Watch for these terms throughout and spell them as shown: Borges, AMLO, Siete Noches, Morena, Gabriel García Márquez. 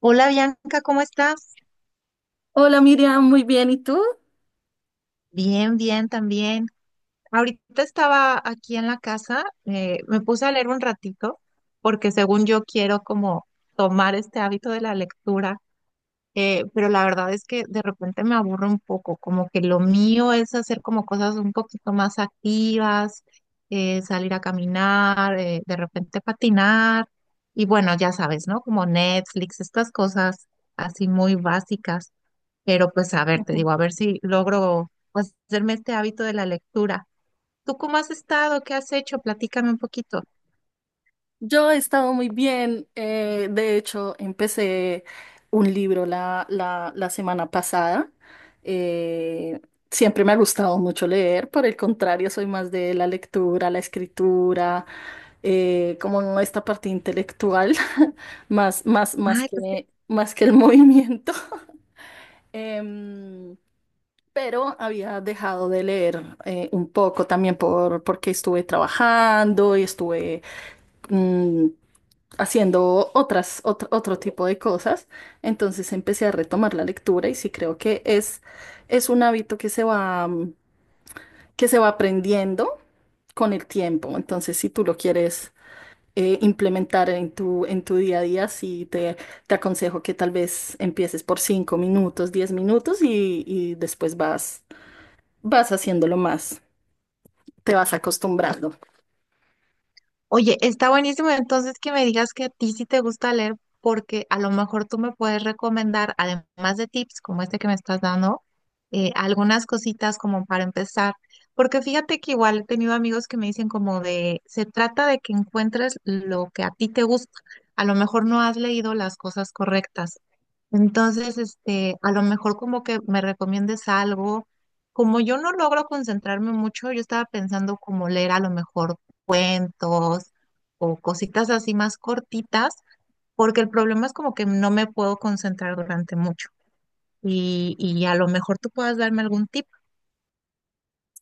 Hola, Bianca, ¿cómo estás? Hola Miriam, muy bien. ¿Y tú? Bien, bien, también. Ahorita estaba aquí en la casa, me puse a leer un ratito porque según yo quiero como tomar este hábito de la lectura. Pero la verdad es que de repente me aburro un poco, como que lo mío es hacer como cosas un poquito más activas, salir a caminar, de repente patinar y bueno, ya sabes, ¿no? Como Netflix, estas cosas así muy básicas, pero pues a ver, te Ujú. digo, a ver si logro pues hacerme este hábito de la lectura. ¿Tú cómo has estado? ¿Qué has hecho? Platícame un poquito. Yo he estado muy bien. De hecho, empecé un libro la semana pasada. eh, Siempre me ha gustado mucho leer. Por el contrario, soy más de la lectura, la escritura, como esta parte intelectual, Ay, pues más que el movimiento. Em, pero había dejado de leer un poco también porque estuve trabajando y estuve mm, haciendo otro tipo de cosas. Entonces empecé a retomar la lectura y sí creo que es un hábito que se va, que se va aprendiendo con el tiempo. Entonces, si tú lo quieres... implementar en tu día a día, te aconsejo que tal vez empieces por 5 minutos, 10 minutos y después vas haciéndolo más, te vas acostumbrando. oye, está buenísimo entonces que me digas que a ti sí te gusta leer, porque a lo mejor tú me puedes recomendar, además de tips como este que me estás dando, algunas cositas como para empezar. Porque fíjate que igual he tenido amigos que me dicen como de, se trata de que encuentres lo que a ti te gusta. A lo mejor no has leído las cosas correctas. Entonces, este, a lo mejor como que me recomiendes algo. Como yo no logro concentrarme mucho, yo estaba pensando como leer a lo mejor cuentos o cositas así más cortitas, porque el problema es como que no me puedo concentrar durante mucho. Y a lo mejor tú puedas darme algún tip.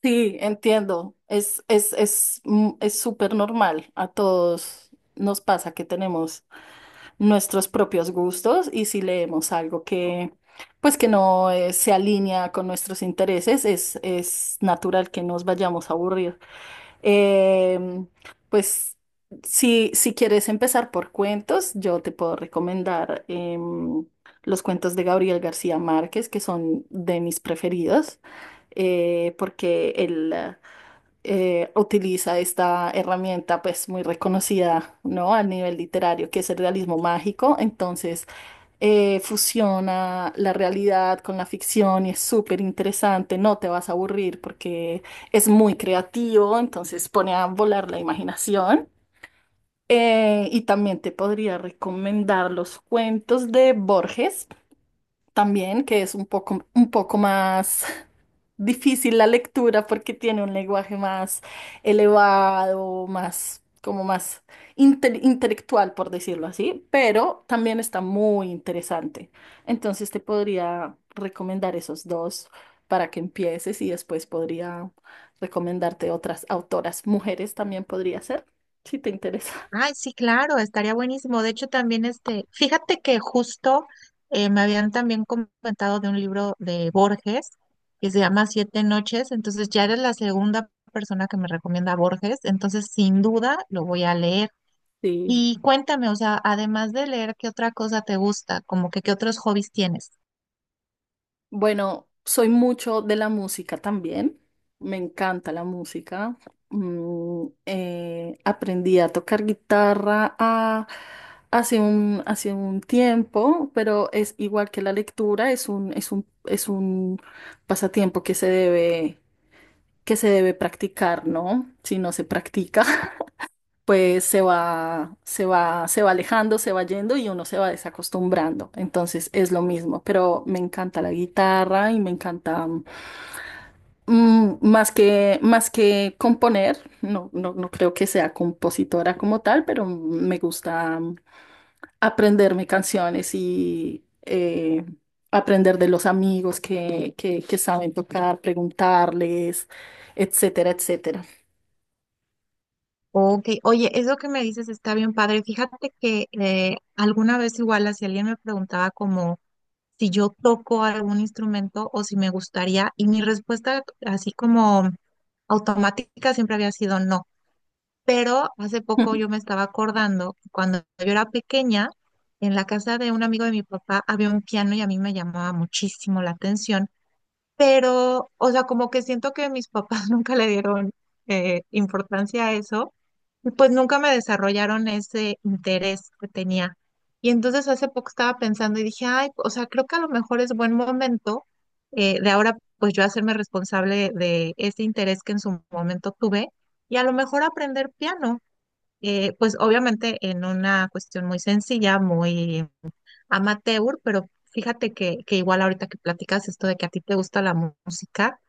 Sí, entiendo, es, es súper normal, a todos nos pasa que tenemos nuestros propios gustos y si leemos algo pues que no se alinea con nuestros intereses, es natural que nos vayamos a aburrir. Em, pues si quieres empezar por cuentos, yo te puedo recomendar los cuentos de Gabriel García Márquez, que son de mis preferidos, porque él utiliza esta herramienta pues muy reconocida, ¿no? A nivel literario, que es el realismo mágico. Entonces, fusiona la realidad con la ficción y es súper interesante, no te vas a aburrir porque es muy creativo, entonces pone a volar la imaginación. Y también te podría recomendar los cuentos de Borges, también, que es un poco más difícil la lectura porque tiene un lenguaje más elevado, más, como más intelectual, por decirlo así, pero también está muy interesante. Entonces te podría recomendar esos dos para que empieces y después podría recomendarte otras autoras. Mujeres también podría ser, si te interesa. Ay, sí, claro, estaría buenísimo. De hecho, también este, fíjate que justo me habían también comentado de un libro de Borges que se llama Siete Noches, entonces ya eres la segunda persona que me recomienda Borges, entonces sin duda lo voy a leer. Sí. Y cuéntame, o sea, además de leer, ¿qué otra cosa te gusta? Como que qué otros hobbies tienes. Bueno, soy mucho de la música también. Me encanta la música. Aprendí a tocar guitarra hace hace un tiempo, pero es igual que la lectura, es un pasatiempo que se debe practicar, ¿no? Si no se practica pues se va alejando, se va yendo y uno se va desacostumbrando. Entonces es lo mismo, pero me encanta la guitarra y me encanta más que componer, no creo que sea compositora como tal, pero me gusta aprenderme canciones y aprender de los amigos que saben tocar, preguntarles, etcétera, etcétera. Ok, oye, eso que me dices está bien padre. Fíjate que alguna vez igual, si alguien me preguntaba como si yo toco algún instrumento o si me gustaría. Y mi respuesta así como automática siempre había sido no. Pero hace poco yo me estaba acordando, que cuando yo era pequeña, en la casa de un amigo de mi papá había un piano y a mí me llamaba muchísimo la atención, pero, o sea, como que siento que mis papás nunca le dieron importancia a eso, y pues nunca me desarrollaron ese interés que tenía. Y entonces hace poco estaba pensando y dije, ay, o sea, creo que a lo mejor es buen momento, de ahora, pues yo hacerme responsable de ese interés que en su momento tuve y a lo mejor aprender piano, pues obviamente en una cuestión muy sencilla, muy amateur, pero fíjate que igual ahorita que platicas esto de que a ti te gusta la música,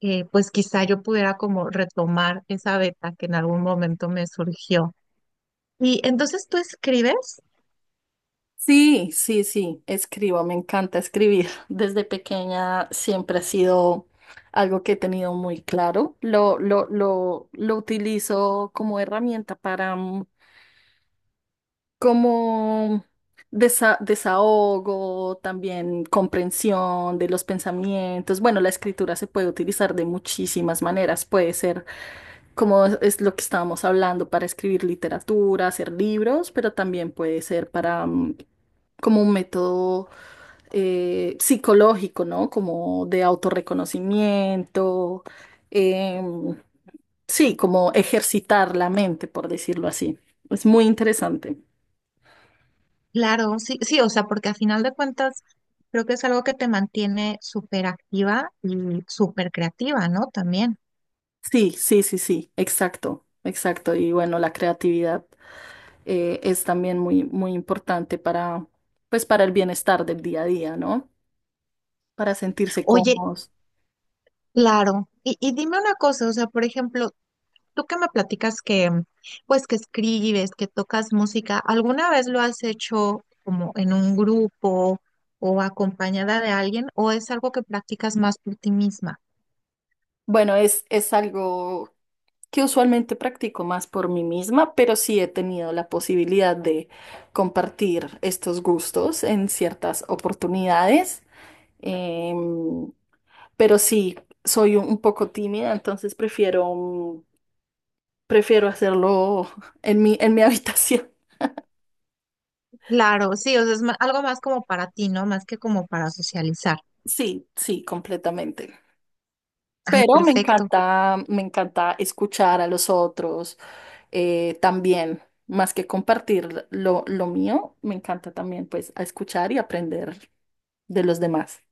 pues quizá yo pudiera como retomar esa beta que en algún momento me surgió. Y entonces tú escribes, Sí, sí, sí, escribo, me encanta escribir. Desde pequeña siempre ha sido algo que he tenido muy claro. Lo utilizo como herramienta para, como desahogo, también comprensión de los pensamientos. Bueno, la escritura se puede utilizar de muchísimas maneras. Puede ser como es lo que estábamos hablando para escribir literatura, hacer libros, pero también puede ser para como un método psicológico, ¿no? Como de autorreconocimiento. em, sí, como ejercitar la mente, por decirlo así. Es muy interesante. claro, sí, sí, o sea, porque a final de cuentas creo que es algo que te mantiene súper activa y súper creativa, ¿no? También. Sí, sí, sí, sí, exacto, exacto. Y bueno, la creatividad es también muy importante para, pues, para el bienestar del día a día, ¿no? Para sentirse Oye, cómodos. claro. Y dime una cosa, o sea, por ejemplo, tú que me platicas que, pues, que escribes, que tocas música, ¿alguna vez lo has hecho como en un grupo o acompañada de alguien o es algo que practicas más por ti misma? Bueno, es algo que usualmente practico más por mí misma, pero sí he tenido la posibilidad de compartir estos gustos en ciertas oportunidades. Em, pero sí, soy un poco tímida, entonces prefiero... prefiero hacerlo en mi habitación. Claro, sí, o sea, es algo más como para ti, ¿no? Más que como para socializar. Sí, sí, completamente. Ay, Pero perfecto. Me encanta escuchar a los otros también, más que compartir lo mío, me encanta también pues a escuchar y aprender de los demás.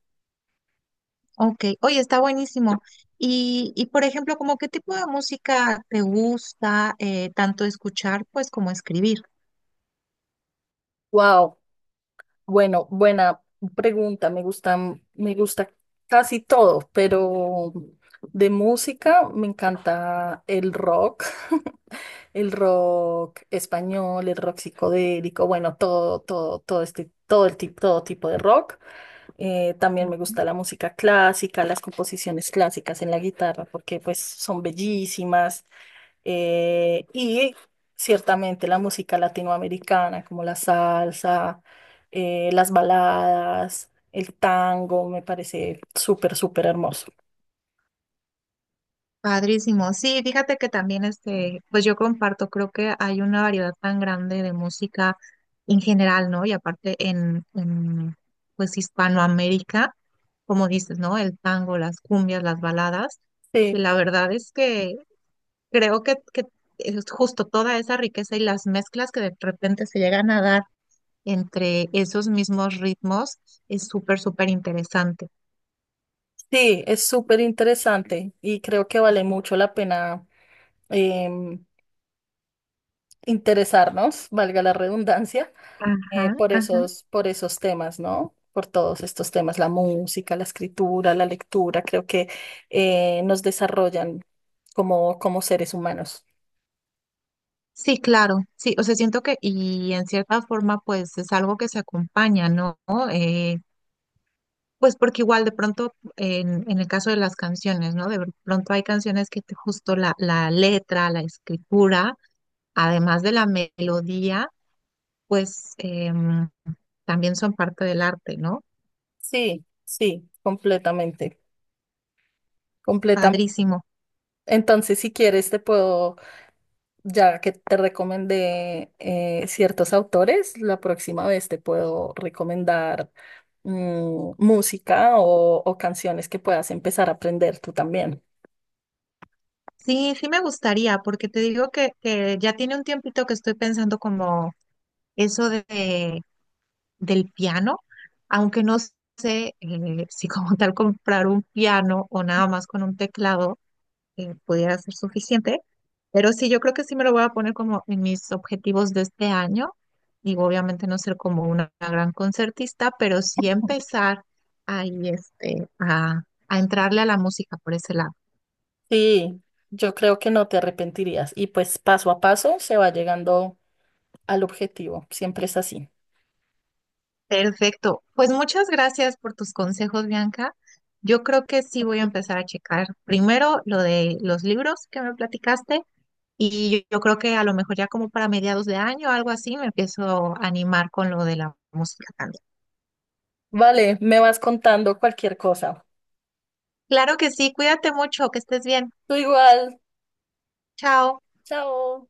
Ok. Oye, está buenísimo. Y por ejemplo, ¿como qué tipo de música te gusta tanto escuchar, pues, como escribir? Wow. Bueno, buena pregunta. Me gustan, me gusta casi todo, pero de música me encanta el rock, el rock español, el rock psicodélico, bueno, todo, todo, todo este, todo el tipo, todo tipo de rock. También me gusta la música clásica, las composiciones clásicas en la guitarra, porque pues son bellísimas. Y ciertamente la música latinoamericana, como la salsa las baladas, el tango, me parece súper, súper hermoso. Padrísimo. Sí, fíjate que también este, pues yo comparto, creo que hay una variedad tan grande de música en general, ¿no? Y aparte en pues Hispanoamérica, como dices, ¿no? El tango, las cumbias, las baladas. Y Sí, la verdad es que creo que es justo toda esa riqueza y las mezclas que de repente se llegan a dar entre esos mismos ritmos es súper, súper interesante. sí, es súper interesante y creo que vale mucho la pena em, interesarnos, valga la redundancia, Ajá, ajá. Por esos temas, ¿no? Por todos estos temas, la música, la escritura, la lectura, creo que nos desarrollan como, como seres humanos. Sí, claro, sí, o sea, siento que, y en cierta forma, pues es algo que se acompaña, ¿no? Eh, pues porque igual de pronto, en el caso de las canciones, ¿no? De pronto hay canciones que justo la, la letra, la escritura, además de la melodía, pues también son parte del arte, ¿no? Sí, sí, completamente, completamente. Padrísimo. Entonces, si quieres, te puedo ya que te recomendé ciertos autores, la próxima vez te puedo recomendar música o canciones que puedas empezar a aprender tú también. Sí, sí me gustaría, porque te digo que ya tiene un tiempito que estoy pensando como eso de, del piano, aunque no, si como tal comprar un piano o nada más con un teclado pudiera ser suficiente, pero sí, yo creo que sí me lo voy a poner como en mis objetivos de este año. Digo, obviamente no ser como una gran concertista, pero sí empezar ahí este, a entrarle a la música por ese lado. Sí, yo creo que no te arrepentirías y pues paso a paso se va llegando al objetivo, siempre es así. Perfecto. Pues muchas gracias por tus consejos, Bianca. Yo creo que sí voy a empezar a checar primero lo de los libros que me platicaste. Y yo creo que a lo mejor ya como para mediados de año o algo así me empiezo a animar con lo de la música también. Vale, me vas contando cualquier cosa. Claro que sí, cuídate mucho, que estés bien. Tú igual, Chao. chao.